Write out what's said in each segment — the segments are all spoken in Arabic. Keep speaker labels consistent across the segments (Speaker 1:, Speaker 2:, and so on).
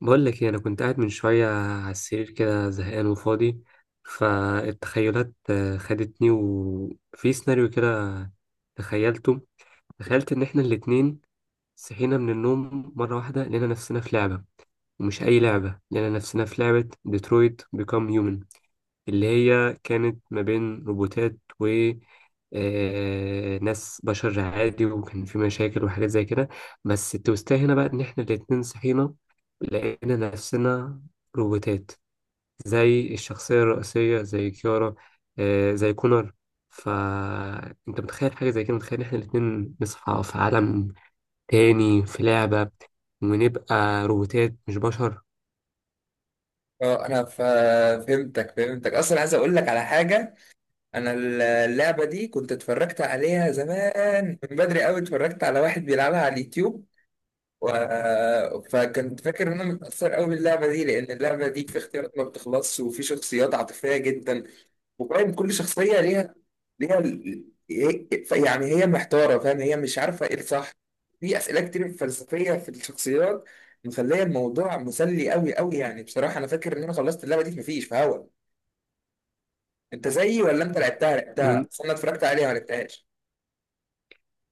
Speaker 1: بقول لك ايه، انا كنت قاعد من شويه على السرير كده زهقان وفاضي. فالتخيلات خدتني وفي سيناريو كده. تخيلته تخيلت ان احنا الاتنين صحينا من النوم مره واحده، لقينا نفسنا في لعبه. ومش اي لعبه، لقينا نفسنا في لعبه ديترويت بيكام هيومن، اللي هي كانت ما بين روبوتات و ناس بشر عادي. وكان في مشاكل وحاجات زي كده. بس التوستاه هنا بقى ان احنا الاتنين صحينا لقينا نفسنا روبوتات، زي الشخصية الرئيسية، زي كيارا، زي كونر. فانت متخيل حاجة زي كده؟ متخيل ان احنا الاتنين نصحى في عالم تاني في لعبة، ونبقى روبوتات مش بشر؟
Speaker 2: اه انا ف- فهمتك، اصلا عايز اقول لك على حاجه. انا اللعبه دي كنت اتفرجت عليها زمان من بدري قوي، اتفرجت على واحد بيلعبها على اليوتيوب و... فكنت فاكر ان انا متاثر قوي باللعبه دي، لان اللعبه دي في اختيارات ما بتخلصش وفي شخصيات عاطفيه جدا، وفاهم كل شخصية ليها يعني هي محتارة، فاهم، هي مش عارفة ايه الصح. في أسئلة كتير فلسفية في الشخصيات، مخلية الموضوع مسلي قوي قوي. يعني بصراحة أنا فاكر إن أنا خلصت اللعبة دي مفيش في هوا. أنت زيي ولا أنت لعبتها؟ بس أنا اتفرجت عليها ما لعبتهاش.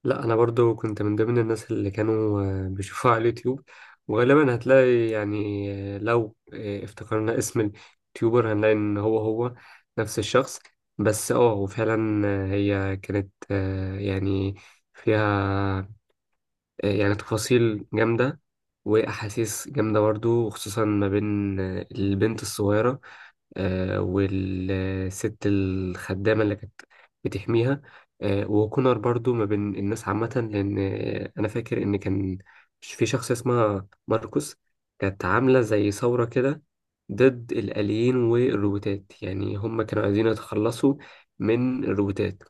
Speaker 1: لا انا برضو كنت من ضمن الناس اللي كانوا بيشوفوها على اليوتيوب. وغالبا هتلاقي يعني، لو افتكرنا اسم اليوتيوبر هنلاقي ان هو هو نفس الشخص. بس وفعلا هي كانت، يعني فيها يعني تفاصيل جامدة، واحاسيس جامدة برضو. وخصوصا ما بين البنت الصغيرة والست الخدامة اللي كانت بتحميها. وكونر برضو ما بين الناس عامة، لأن أنا فاكر إن كان في شخص اسمها ماركوس، كانت عاملة زي ثورة كده ضد الآليين والروبوتات. يعني هم كانوا عايزين يتخلصوا من الروبوتات.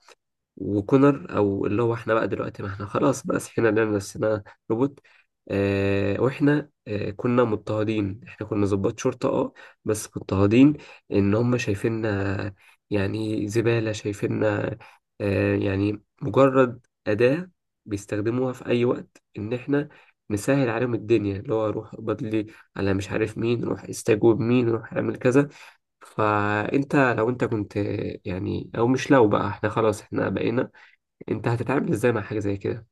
Speaker 1: وكونر او اللي هو احنا بقى دلوقتي، ما احنا خلاص بقى صحينا لنا نفسنا روبوت. واحنا كنا مضطهدين، احنا كنا ضباط شرطة بس مضطهدين. ان هم شايفيننا يعني زبالة، شايفيننا يعني مجرد أداة بيستخدموها في أي وقت إن إحنا نسهل عليهم الدنيا، اللي هو روح اقبض لي على مش عارف مين، روح استجوب مين، روح اعمل كذا. فأنت لو أنت كنت، يعني، أو مش لو، بقى إحنا خلاص، إحنا بقينا، انت هتتعامل ازاي مع حاجه زي كده؟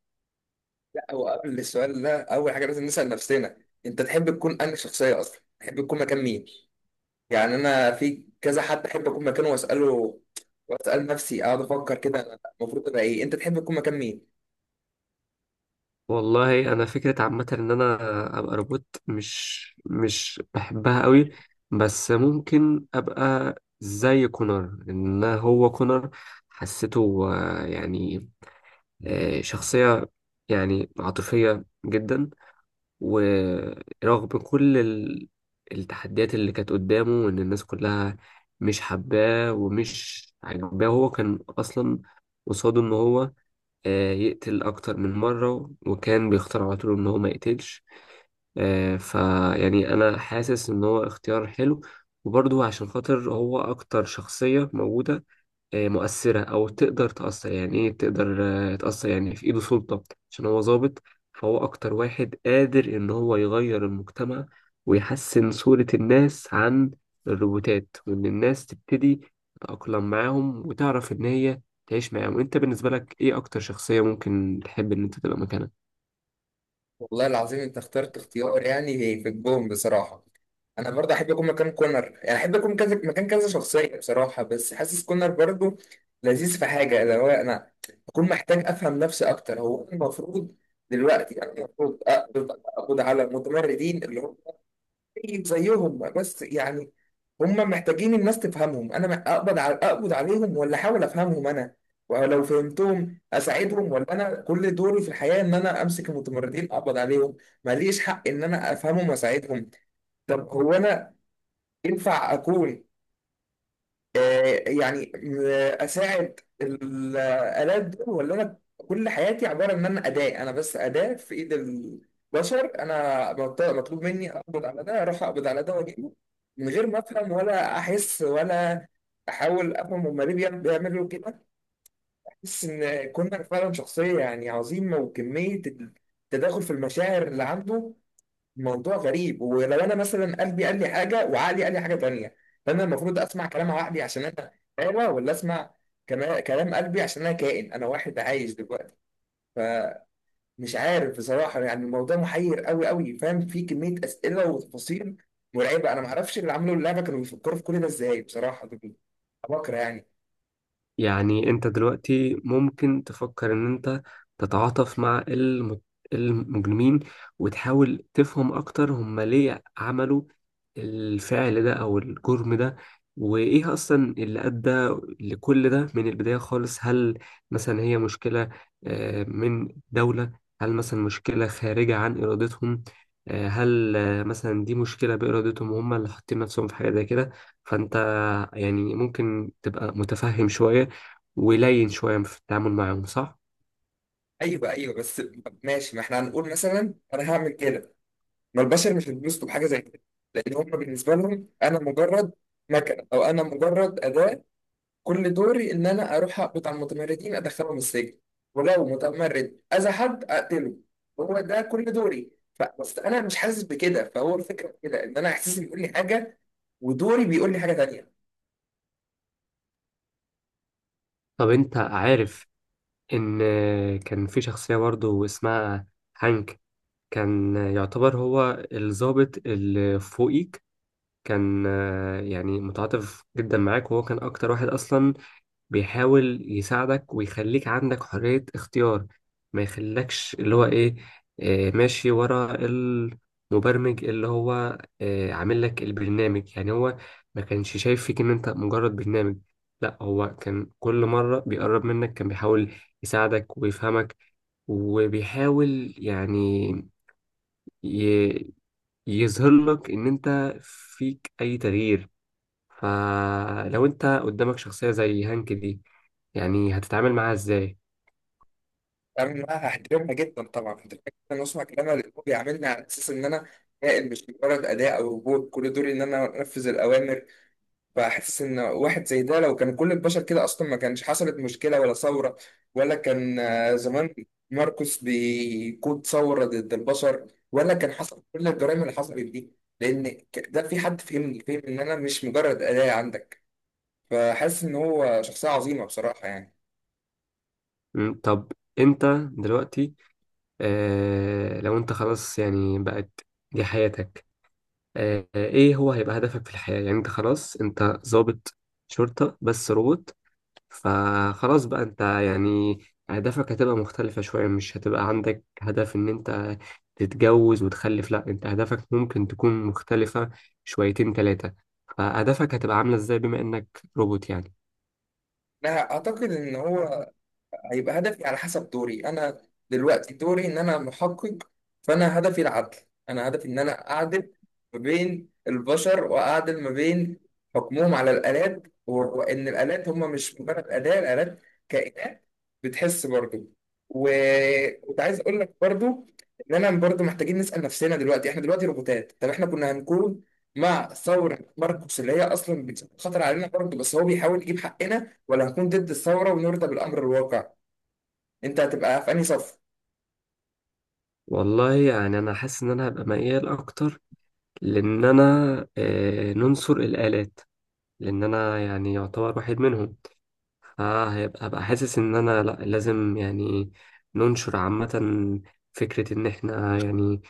Speaker 2: لا، هو قبل السؤال ده أول حاجة لازم نسأل نفسنا، أنت تحب تكون أنهي شخصية أصلا، تحب تكون مكان مين؟ يعني أنا في كذا حد أحب أكون مكانه وأسأله وأسأل نفسي، أقعد أفكر كده أنا المفروض أبقى إيه. أنت تحب تكون مكان مين؟
Speaker 1: والله انا فكره عامه ان انا ابقى روبوت مش بحبها قوي. بس ممكن ابقى زي كونر. ان هو كونر حسيته يعني شخصيه يعني عاطفيه جدا. ورغم كل التحديات اللي كانت قدامه، وان الناس كلها مش حباه ومش عاجباه، هو كان اصلا قصاده ان هو يقتل أكتر من مرة، وكان بيختار على طول إن هو ما يقتلش. فيعني أنا حاسس إن هو اختيار حلو. وبرضه عشان خاطر هو أكتر شخصية موجودة مؤثرة، أو تقدر تأثر، يعني إيه تقدر تأثر، يعني في إيده سلطة عشان هو ضابط. فهو أكتر واحد قادر إن هو يغير المجتمع، ويحسن صورة الناس عن الروبوتات، وإن الناس تبتدي تتأقلم معاهم وتعرف إن هي تعيش معاهم. أنت بالنسبة لك إيه أكتر شخصية ممكن تحب إن أنت تبقى مكانها؟
Speaker 2: والله العظيم انت اخترت اختيار يعني في الجون بصراحه. انا برضه احب اكون مكان كونر، يعني احب اكون كذا مكان كذا شخصيه بصراحه، بس حاسس كونر برضه لذيذ في حاجه، اللي هو انا اكون محتاج افهم نفسي اكتر. هو أنا المفروض دلوقتي، انا المفروض أقبض على المتمردين اللي هم زيك زيهم، بس يعني هم محتاجين الناس تفهمهم. انا اقبض على عليهم ولا احاول افهمهم؟ انا ولو فهمتهم اساعدهم، ولا انا كل دوري في الحياه ان انا امسك المتمردين اقبض عليهم، ماليش حق ان انا افهمهم واساعدهم؟ طب هو انا ينفع اكون آه، يعني اساعد الالات دول، ولا انا كل حياتي عباره ان انا اداه، انا بس اداه في ايد البشر، انا مطلوب مني اقبض على ده، اروح اقبض على ده واجيبه من غير ما افهم ولا احس ولا احاول افهم هما ليه بيعملوا كده. احس ان كونر فعلا شخصيه يعني عظيمه، وكميه التداخل في المشاعر اللي عنده موضوع غريب. ولو انا مثلا قلبي قال لي حاجه وعقلي قال لي حاجه تانيه، فانا المفروض اسمع كلام عقلي عشان انا حيوه، ولا اسمع كلام قلبي عشان انا كائن، انا واحد عايش دلوقتي؟ فمش عارف بصراحه، يعني الموضوع محير قوي قوي، فاهم، في كميه اسئله وتفاصيل مرعبه. انا ما اعرفش اللي عملوا اللعبه كانوا بيفكروا في كل ده ازاي بصراحه، دول بكره يعني.
Speaker 1: يعني انت دلوقتي ممكن تفكر ان انت تتعاطف مع المجرمين، وتحاول تفهم اكتر هم ليه عملوا الفعل ده او الجرم ده، وايه اصلا اللي ادى لكل ده من البداية خالص. هل مثلا هي مشكلة من دولة؟ هل مثلا مشكلة خارجة عن ارادتهم؟ هل مثلا دي مشكلة بإرادتهم، وهم اللي حاطين نفسهم في حاجة زي كده؟ فأنت يعني ممكن تبقى متفهم شوية ولين شوية في التعامل معاهم، صح؟
Speaker 2: ايوه، ايوه، بس ماشي، ما احنا هنقول مثلا انا هعمل كده، ما البشر مش هيتبسطوا بحاجه زي كده، لان هم بالنسبه لهم انا مجرد مكنه، او انا مجرد اداه، كل دوري ان انا اروح اقبض على المتمردين ادخلهم السجن، ولو متمرد اذى حد اقتله، هو ده كل دوري. بس انا مش حاسس بكده، فهو الفكره في كده ان انا احساسي بيقول لي حاجه، ودوري بيقول لي حاجه تانيه.
Speaker 1: طب أنت عارف إن كان في شخصية برضه اسمها هانك؟ كان يعتبر هو الضابط اللي فوقيك. كان يعني متعاطف جدا معاك، وهو كان أكتر واحد أصلا بيحاول يساعدك ويخليك عندك حرية اختيار، ما يخليكش اللي هو ايه، ماشي ورا المبرمج اللي هو عامل لك البرنامج. يعني هو ما كانش شايف فيك ان انت مجرد برنامج. لا، هو كان كل مرة بيقرب منك كان بيحاول يساعدك ويفهمك، وبيحاول يعني ي- يظهر لك ان انت فيك اي تغيير. فلو انت قدامك شخصية زي هانك دي، يعني هتتعامل معاها ازاي؟
Speaker 2: انا بقى هحترمها جدا، طبعا هحترمها جدا واسمع كلامها، اللي هو بيعاملني على اساس ان انا كائن مش مجرد اداء او روبوت كل دوري ان انا انفذ الاوامر. فحاسس ان واحد زي ده لو كان كل البشر كده، اصلا ما كانش حصلت مشكله ولا ثوره، ولا كان زمان ماركوس بيقود ثوره ضد البشر، ولا كان حصل كل الجرائم اللي حصلت دي، لان ده في حد فهمني، فهم ان انا مش مجرد اداه عندك. فحاسس ان هو شخصيه عظيمه بصراحه يعني.
Speaker 1: طب انت دلوقتي، لو انت خلاص يعني بقت دي حياتك، ايه هو هيبقى هدفك في الحياة؟ يعني انت خلاص انت ضابط شرطة بس روبوت، فخلاص بقى انت يعني اهدافك هتبقى مختلفة شوية. مش هتبقى عندك هدف ان انت تتجوز وتخلف. لا، انت اهدافك ممكن تكون مختلفة شويتين تلاتة. فاهدافك هتبقى عاملة ازاي بما انك روبوت يعني؟
Speaker 2: انا اعتقد ان هو هيبقى هدفي على حسب دوري. انا دلوقتي دوري ان انا محقق، فانا هدفي العدل، انا هدفي ان انا اعدل ما بين البشر، واعدل ما بين حكمهم على الالات، وان الالات هم مش مجرد اداه، الالات كائنات بتحس برضه. وكنت عايز اقول لك برضه ان انا برضه محتاجين نسال نفسنا، دلوقتي احنا دلوقتي روبوتات، طب احنا كنا هنكون مع ثوره ماركوس اللي هي اصلا بتخطر علينا برضه، بس هو بيحاول يجيب حقنا، ولا هنكون ضد الثورة ونرضى بالأمر الواقع؟ انت هتبقى في انهي صف؟
Speaker 1: والله يعني انا حاسس ان انا هبقى ميال اكتر لان انا ننصر الالات، لان انا يعني يعتبر واحد منهم. فهيبقى، حاسس ان انا لا، لازم يعني ننشر عامة فكرة ان احنا يعني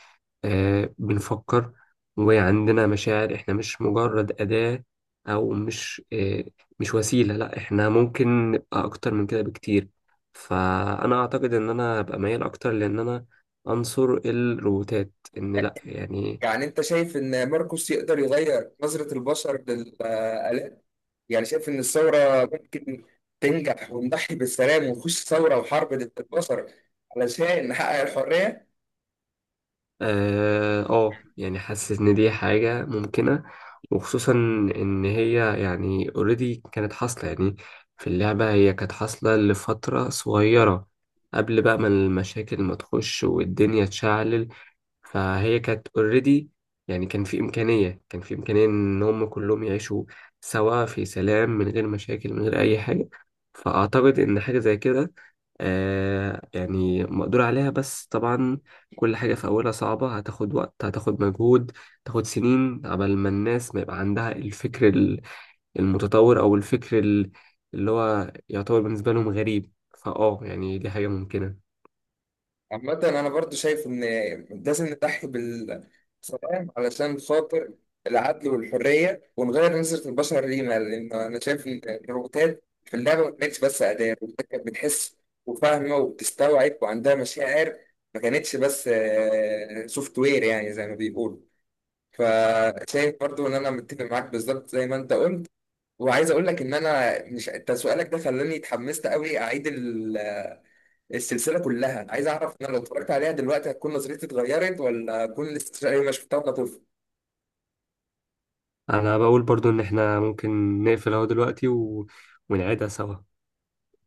Speaker 1: بنفكر وعندنا مشاعر، احنا مش مجرد أداة أو مش مش وسيلة. لا، احنا ممكن نبقى أكتر من كده بكتير. فأنا أعتقد إن أنا أبقى ميال أكتر لأن أنا أنصر الروبوتات، إن لا يعني.
Speaker 2: يعني انت شايف ان ماركوس يقدر يغير نظرة البشر للآلات، يعني شايف ان الثورة ممكن تنجح ونضحي بالسلام ونخش ثورة وحرب ضد البشر علشان نحقق الحرية؟
Speaker 1: اه، يعني حاسس ان دي حاجة ممكنة، وخصوصا ان هي يعني اوريدي كانت حاصلة، يعني في اللعبة هي كانت حاصلة لفترة صغيرة قبل بقى ما المشاكل ما تخش والدنيا تشعل. فهي كانت اوريدي يعني كان في إمكانية، كان في إمكانية إن هم كلهم يعيشوا سوا في سلام، من غير مشاكل، من غير أي حاجة. فأعتقد إن حاجة زي كده يعني مقدور عليها، بس طبعا كل حاجة في أولها صعبة. هتاخد وقت، هتاخد مجهود، تاخد سنين قبل ما الناس ما يبقى عندها الفكر المتطور، أو الفكر اللي هو يعتبر بالنسبة لهم غريب. يعني دي حاجة ممكنة.
Speaker 2: عامة أنا برضو شايف إن لازم نضحي بالسلام علشان خاطر العدل والحرية، ونغير نظرة البشر لينا، لأن أنا شايف إن الروبوتات في اللعبة ما كانتش بس أداة، الروبوتات كانت بتحس وفاهمة وبتستوعب وعندها مشاعر، ما كانتش بس سوفت وير يعني زي ما بيقولوا. فشايف برضو إن أنا متفق معاك بالظبط زي ما أنت قلت. وعايز أقول لك إن أنا مش، أنت سؤالك ده خلاني اتحمست أوي أعيد السلسله كلها، عايز اعرف انا لو اتفرجت عليها دلوقتي هتكون نظرتي اتغيرت، ولا اكون لسه شايف ما شفتها وانا طفل.
Speaker 1: انا بقول برضو ان احنا ممكن نقفل اهو دلوقتي ونعيدها سوا.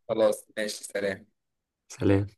Speaker 2: خلاص ماشي، سلام.
Speaker 1: سلام.